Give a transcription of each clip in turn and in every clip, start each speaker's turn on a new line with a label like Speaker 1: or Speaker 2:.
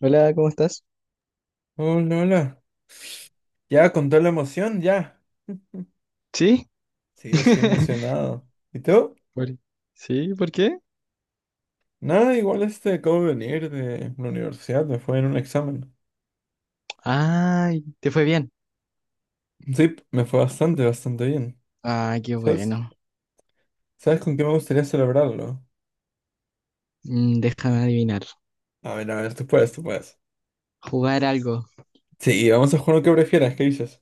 Speaker 1: Hola, ¿cómo estás?
Speaker 2: Hola, hola. Ya, con toda la emoción, ya.
Speaker 1: ¿Sí?
Speaker 2: Sí, estoy emocionado. ¿Y tú?
Speaker 1: Por- ¿Sí? ¿Por qué?
Speaker 2: Nada, igual acabo de venir de la universidad, me fue en un examen.
Speaker 1: Ay, te fue bien.
Speaker 2: Sí, me fue bastante, bastante bien.
Speaker 1: Ay, qué
Speaker 2: ¿Sabes?
Speaker 1: bueno.
Speaker 2: ¿Sabes con qué me gustaría celebrarlo?
Speaker 1: Déjame adivinar.
Speaker 2: A ver, tú puedes, tú puedes.
Speaker 1: Jugar algo.
Speaker 2: Sí, vamos a jugar lo que prefieras, ¿qué dices?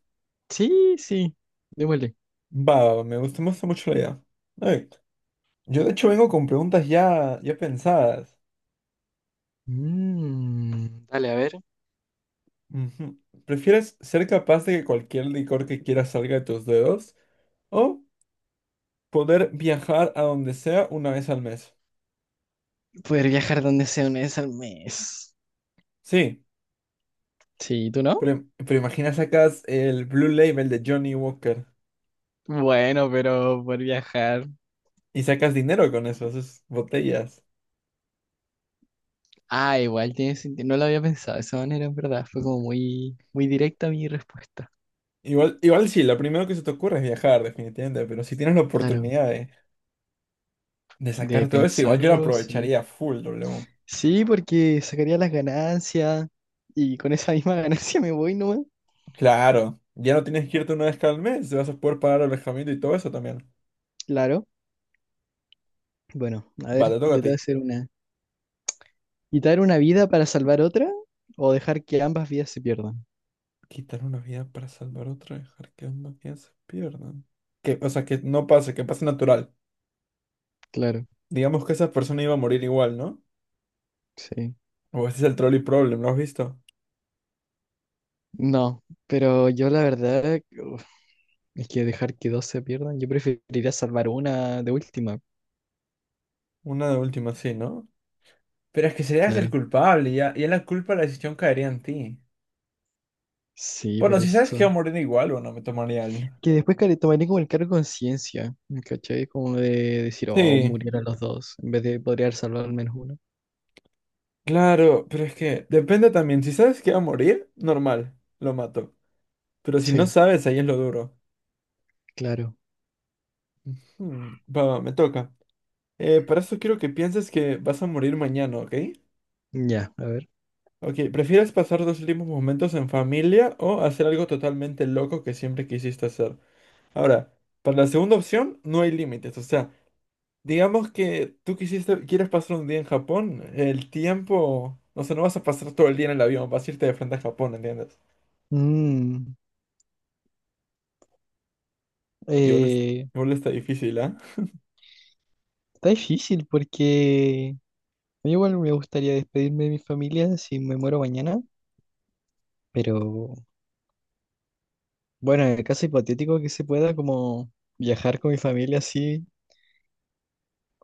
Speaker 1: Sí, sí. Démosle.
Speaker 2: Va, va, va, me gusta mucho la idea. A ver, yo de hecho vengo con preguntas ya, ya pensadas.
Speaker 1: Dale, a ver.
Speaker 2: Ujú. ¿Prefieres ser capaz de que cualquier licor que quieras salga de tus dedos o poder viajar a donde sea una vez al mes?
Speaker 1: Poder viajar donde sea una vez al mes.
Speaker 2: Sí,
Speaker 1: Sí, ¿tú no?
Speaker 2: pero imagina, sacas el Blue Label de Johnny Walker
Speaker 1: Bueno, pero por viajar.
Speaker 2: y sacas dinero con eso, esas botellas.
Speaker 1: Ah, igual tiene sentido. No lo había pensado de esa manera, en verdad. Fue como muy, muy directa mi respuesta.
Speaker 2: Igual, igual sí, lo primero que se te ocurre es viajar, definitivamente, pero si tienes la
Speaker 1: Claro.
Speaker 2: oportunidad de
Speaker 1: De
Speaker 2: sacar todo eso, igual yo lo
Speaker 1: pensarlo, sí.
Speaker 2: aprovecharía full, W.
Speaker 1: Sí, porque sacaría las ganancias y con esa misma ganancia me voy nomás.
Speaker 2: Claro, ya no tienes que irte una vez cada mes, te vas a poder pagar alojamiento y todo eso también.
Speaker 1: Claro. Bueno, a ver,
Speaker 2: Vale, toca a
Speaker 1: yo te voy a
Speaker 2: ti.
Speaker 1: hacer una. ¿Quitar una vida para salvar otra o dejar que ambas vidas se pierdan?
Speaker 2: Quitar una vida para salvar otra, dejar que ambas vidas se pierdan. Que, o sea, que no pase, que pase natural.
Speaker 1: Claro,
Speaker 2: Digamos que esa persona iba a morir igual, ¿no?
Speaker 1: sí.
Speaker 2: O ese es el trolley problem, ¿lo has visto?
Speaker 1: No, pero yo la verdad uf, es que dejar que dos se pierdan, yo preferiría salvar una de última.
Speaker 2: Una de última, sí, ¿no? Pero es que serías el
Speaker 1: Claro.
Speaker 2: culpable y ya la culpa de la decisión caería en ti.
Speaker 1: Sí, por
Speaker 2: Bueno, si sabes que va a
Speaker 1: eso.
Speaker 2: morir igual, bueno, me tomaría el...
Speaker 1: Que después care- tomaría como el cargo de conciencia, ¿cachai? Como de decir, oh,
Speaker 2: Sí,
Speaker 1: murieron los dos, en vez de podría haber salvado al menos uno.
Speaker 2: claro, pero es que depende también. Si sabes que va a morir, normal, lo mato. Pero si no
Speaker 1: Sí,
Speaker 2: sabes, ahí es lo duro.
Speaker 1: claro.
Speaker 2: Va, va, me toca. Para esto quiero que pienses que vas a morir mañana, ¿ok?
Speaker 1: Ya, a ver.
Speaker 2: Ok, ¿prefieres pasar dos últimos momentos en familia o hacer algo totalmente loco que siempre quisiste hacer? Ahora, para la segunda opción no hay límites. O sea, digamos que tú quisiste, quieres pasar un día en Japón, el tiempo, o sea, no vas a pasar todo el día en el avión, vas a irte de frente a Japón, ¿entiendes?
Speaker 1: Mm,
Speaker 2: Igual,
Speaker 1: eh,
Speaker 2: igual está difícil, ¿ah?
Speaker 1: Está difícil porque a mí igual me gustaría despedirme de mi familia si me muero mañana, pero bueno, en el caso hipotético que se pueda como viajar con mi familia así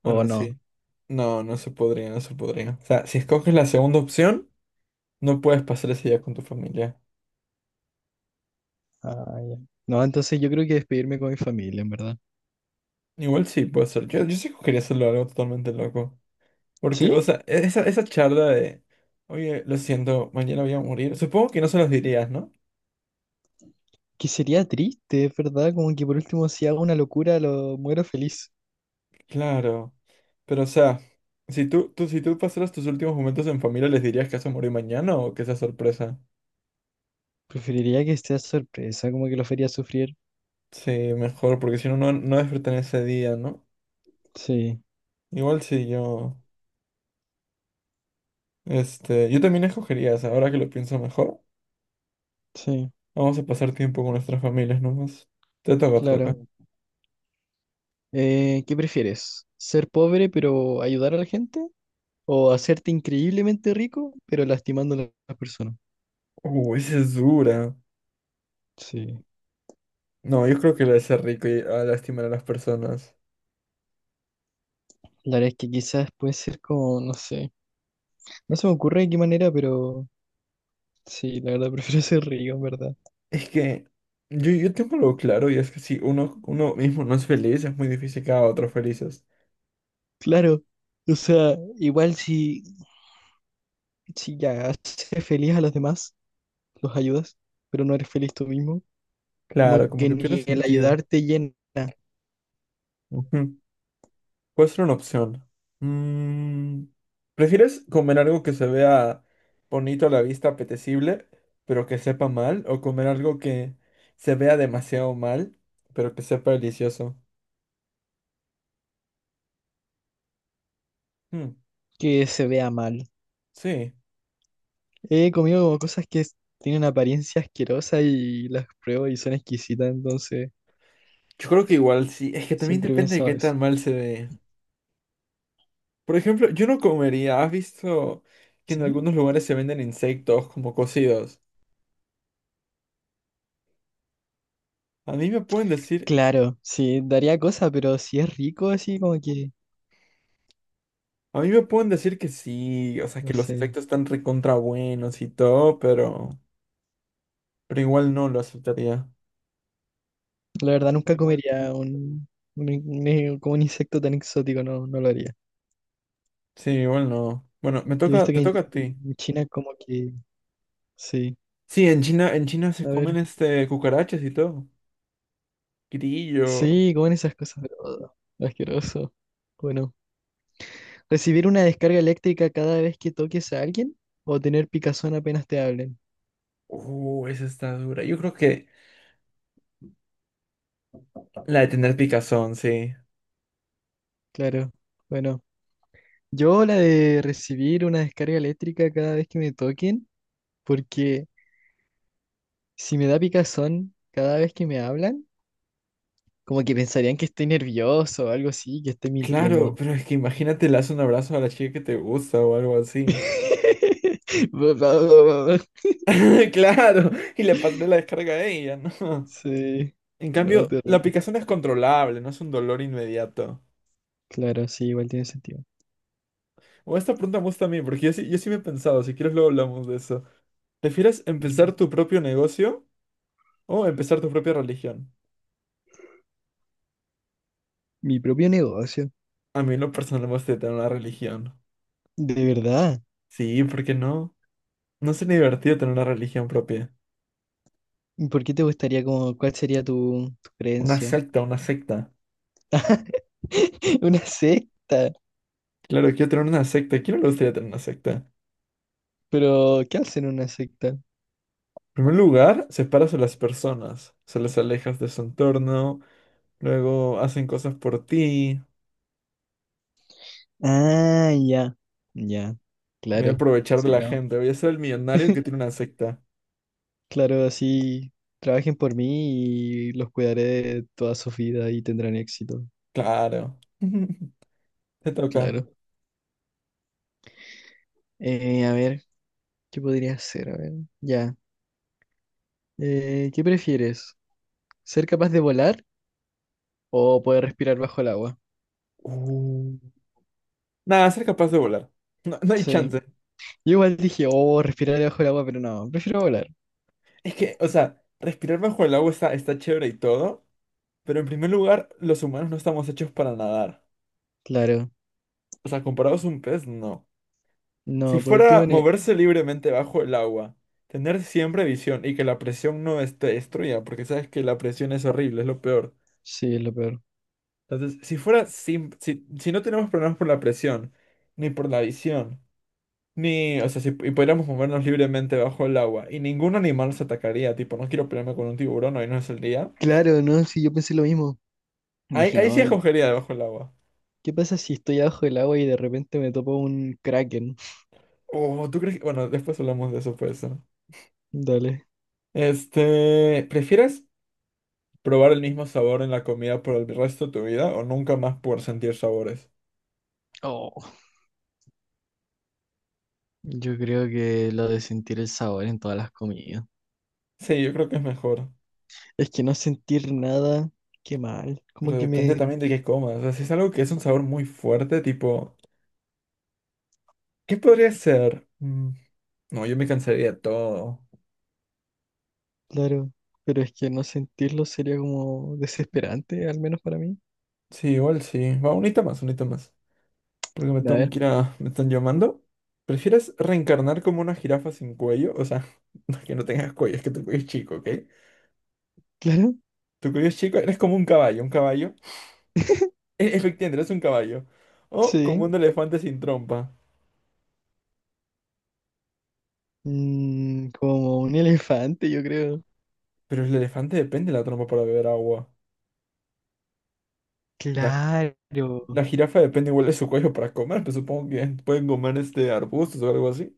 Speaker 1: o
Speaker 2: Bueno,
Speaker 1: no.
Speaker 2: sí. No, no se podría, no se podría. O sea, si escoges la segunda opción, no puedes pasar ese día con tu familia.
Speaker 1: Ah, ya. No, entonces yo creo que despedirme con mi familia, en verdad.
Speaker 2: Igual sí, puede ser. Yo sí escogería hacerlo algo totalmente loco. Porque,
Speaker 1: Sí,
Speaker 2: o sea, esa charla de, oye, lo siento, mañana voy a morir. Supongo que no se los dirías, ¿no?
Speaker 1: que sería triste, es verdad, como que por último si hago una locura lo muero feliz.
Speaker 2: Claro. Pero, o sea, si tú pasaras tus últimos momentos en familia, ¿les dirías que vas a morir mañana o que esa sorpresa?
Speaker 1: Preferiría que sea sorpresa, como que lo fería sufrir.
Speaker 2: Sí, mejor, porque si no, no despertan ese día, ¿no?
Speaker 1: Sí,
Speaker 2: Igual si yo, yo también escogería esa, ahora que lo pienso mejor.
Speaker 1: sí,
Speaker 2: Vamos a pasar tiempo con nuestras familias nomás. Te toca, te toca.
Speaker 1: claro. ¿Qué prefieres? ¿Ser pobre pero ayudar a la gente o hacerte increíblemente rico pero lastimando a las personas?
Speaker 2: Esa es dura.
Speaker 1: Sí.
Speaker 2: No, yo creo que la de ser rico y a lastimar a las personas.
Speaker 1: La verdad es que quizás puede ser como, no sé, no se me ocurre de qué manera, pero sí, la verdad prefiero ser rico, en verdad.
Speaker 2: Es que yo tengo algo claro y es que si uno, uno mismo no es feliz, es muy difícil que haga a otros felices.
Speaker 1: Claro, o sea, igual si, si ya haces feliz a los demás, los ayudas, pero no eres feliz tú mismo, como
Speaker 2: Claro, como
Speaker 1: que
Speaker 2: que pierde
Speaker 1: ni el
Speaker 2: sentido.
Speaker 1: ayudarte llena
Speaker 2: Ujú. Puede ser una opción. Mm, ¿prefieres comer algo que se vea bonito a la vista, apetecible, pero que sepa mal? ¿O comer algo que se vea demasiado mal, pero que sepa delicioso? Mm,
Speaker 1: que se vea mal.
Speaker 2: sí.
Speaker 1: He comido como cosas que tienen apariencia asquerosa y las pruebo y son exquisitas, entonces
Speaker 2: Yo creo que igual sí. Es que también
Speaker 1: siempre he
Speaker 2: depende de
Speaker 1: pensado
Speaker 2: qué
Speaker 1: eso.
Speaker 2: tan mal se ve. Por ejemplo, yo no comería. ¿Has visto que en
Speaker 1: ¿Sí?
Speaker 2: algunos lugares se venden insectos como cocidos? A mí me pueden decir
Speaker 1: Claro, sí, daría cosa, pero si es rico, así como que,
Speaker 2: A mí me pueden decir que sí, o sea,
Speaker 1: no
Speaker 2: que los
Speaker 1: sé.
Speaker 2: insectos están recontra buenos y todo, pero igual no lo aceptaría.
Speaker 1: La verdad nunca comería un, como un insecto tan exótico, no, no lo haría.
Speaker 2: Sí, igual no. Bueno, me
Speaker 1: Yo he
Speaker 2: toca,
Speaker 1: visto que
Speaker 2: te
Speaker 1: en
Speaker 2: toca a ti.
Speaker 1: China como que, sí,
Speaker 2: Sí, en China se
Speaker 1: a
Speaker 2: comen
Speaker 1: ver,
Speaker 2: este cucarachas y todo. Grillo.
Speaker 1: sí, comen esas cosas, pero oh, asqueroso. Bueno, ¿recibir una descarga eléctrica cada vez que toques a alguien o tener picazón apenas te hablen?
Speaker 2: Esa está dura. Yo creo que la de tener picazón, sí.
Speaker 1: Claro, bueno, yo la de recibir una descarga eléctrica cada vez que me toquen, porque si me da picazón cada vez que me hablan, como que pensarían que estoy nervioso o algo así, que estoy
Speaker 2: Claro,
Speaker 1: mintiendo.
Speaker 2: pero es que imagínate, le das un abrazo a la chica que te gusta o algo así. Claro, y le pasaré la descarga a ella, ¿no?
Speaker 1: Sí,
Speaker 2: En
Speaker 1: no,
Speaker 2: cambio, la
Speaker 1: terrible.
Speaker 2: picazón es controlable, no es un dolor inmediato.
Speaker 1: Claro, sí, igual tiene sentido.
Speaker 2: O esta pregunta me gusta a mí, porque yo sí me he pensado, si quieres luego hablamos de eso. ¿Prefieres
Speaker 1: Mm.
Speaker 2: empezar tu propio negocio o empezar tu propia religión?
Speaker 1: Mi propio negocio.
Speaker 2: A mí en lo personal me gusta tener una religión.
Speaker 1: De verdad.
Speaker 2: Sí, ¿por qué no? No sería divertido tener una religión propia.
Speaker 1: ¿Y por qué te gustaría como, cuál sería tu
Speaker 2: Una
Speaker 1: creencia?
Speaker 2: secta, una secta.
Speaker 1: Una secta.
Speaker 2: Claro, quiero tener una secta. ¿A ¿Quién no le gustaría tener una secta? En
Speaker 1: Pero, ¿qué hacen en una secta?
Speaker 2: primer lugar, separas a las personas, se las alejas de su entorno, luego hacen cosas por ti.
Speaker 1: Ah, ya, ya,
Speaker 2: Me voy a
Speaker 1: claro,
Speaker 2: aprovechar de
Speaker 1: sí,
Speaker 2: la
Speaker 1: no.
Speaker 2: gente, voy a ser el millonario que tiene una secta.
Speaker 1: Claro, así trabajen por mí y los cuidaré de toda su vida y tendrán éxito,
Speaker 2: Claro. Te toca.
Speaker 1: claro. A ver, ¿qué podría hacer? A ver, ya. ¿Qué prefieres? ¿Ser capaz de volar o poder respirar bajo el agua?
Speaker 2: Uh, nada, ser capaz de volar. No, no hay
Speaker 1: Sí.
Speaker 2: chance.
Speaker 1: Yo igual dije, oh, respirar bajo el agua, pero no, prefiero volar.
Speaker 2: Es que, o sea, respirar bajo el agua está, está chévere y todo, pero en primer lugar, los humanos no estamos hechos para nadar.
Speaker 1: Claro.
Speaker 2: O sea, comparados a un pez, no. Si
Speaker 1: No, por último,
Speaker 2: fuera moverse libremente bajo el agua, tener siempre visión y que la presión no esté destruya, porque sabes que la presión es horrible, es lo peor.
Speaker 1: sí, es lo peor.
Speaker 2: Entonces, si fuera sin, si no tenemos problemas por la presión, ni por la visión. Ni, o sea, si y pudiéramos movernos libremente bajo el agua y ningún animal nos atacaría, tipo, no quiero pelearme con un tiburón, ahí no es el día.
Speaker 1: Claro, no, sí, yo pensé lo mismo.
Speaker 2: Ahí,
Speaker 1: Dije,
Speaker 2: ahí
Speaker 1: no,
Speaker 2: sí escogería debajo del agua.
Speaker 1: ¿qué pasa si estoy abajo del agua y de repente me topo un kraken?
Speaker 2: Oh, ¿tú crees que...? Bueno, después hablamos de eso, pues. ¿No?
Speaker 1: Dale.
Speaker 2: ¿Prefieres probar el mismo sabor en la comida por el resto de tu vida o nunca más poder sentir sabores?
Speaker 1: Oh, yo creo que lo de sentir el sabor en todas las comidas.
Speaker 2: Sí, yo creo que es mejor,
Speaker 1: Es que no sentir nada, qué mal. Como
Speaker 2: pero
Speaker 1: que
Speaker 2: depende
Speaker 1: me...
Speaker 2: también de qué comas. O sea, si es algo que es un sabor muy fuerte, tipo, ¿qué podría ser? Mm, no, yo me cansaría de todo.
Speaker 1: Claro. Pero es que no sentirlo sería como desesperante, al menos para mí.
Speaker 2: Sí, igual sí. Va, un unita más, un unita más.
Speaker 1: A
Speaker 2: Porque me tengo
Speaker 1: ver.
Speaker 2: que Me están llamando. ¿Prefieres reencarnar como una jirafa sin cuello? O sea, no es que no tengas cuello, es que tu cuello es chico, ¿ok?
Speaker 1: Claro.
Speaker 2: Tu cuello es chico, eres como un caballo, un caballo. Efectivamente, eres un caballo. O
Speaker 1: Sí.
Speaker 2: como un elefante sin trompa.
Speaker 1: Mm, como un elefante, yo creo.
Speaker 2: Pero el elefante depende de la trompa para beber agua. Y
Speaker 1: Claro.
Speaker 2: la jirafa depende igual de su cuello para comer, pero supongo que pueden comer este arbustos o algo así.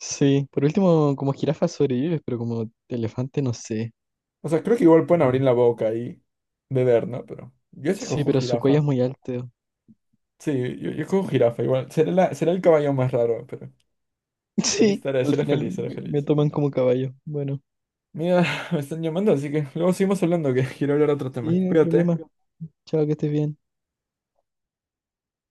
Speaker 1: Sí. Por último, como jirafa sobrevives, pero como elefante no sé.
Speaker 2: O sea, creo que igual pueden abrir
Speaker 1: Mm.
Speaker 2: la boca y beber, ¿no? Pero yo sí
Speaker 1: Sí,
Speaker 2: cojo
Speaker 1: pero su cuello
Speaker 2: jirafa.
Speaker 1: es muy alto.
Speaker 2: Sí, yo cojo jirafa, igual. Será será el caballo más raro, pero. Ahí
Speaker 1: Sí,
Speaker 2: estaré,
Speaker 1: al
Speaker 2: seré
Speaker 1: final
Speaker 2: feliz, seré
Speaker 1: me
Speaker 2: feliz.
Speaker 1: toman
Speaker 2: Bueno.
Speaker 1: como caballo. Bueno,
Speaker 2: Mira, me están llamando, así que luego seguimos hablando, que quiero hablar de otro tema.
Speaker 1: sí, no hay
Speaker 2: Cuídate.
Speaker 1: problema. Chao, que estés bien.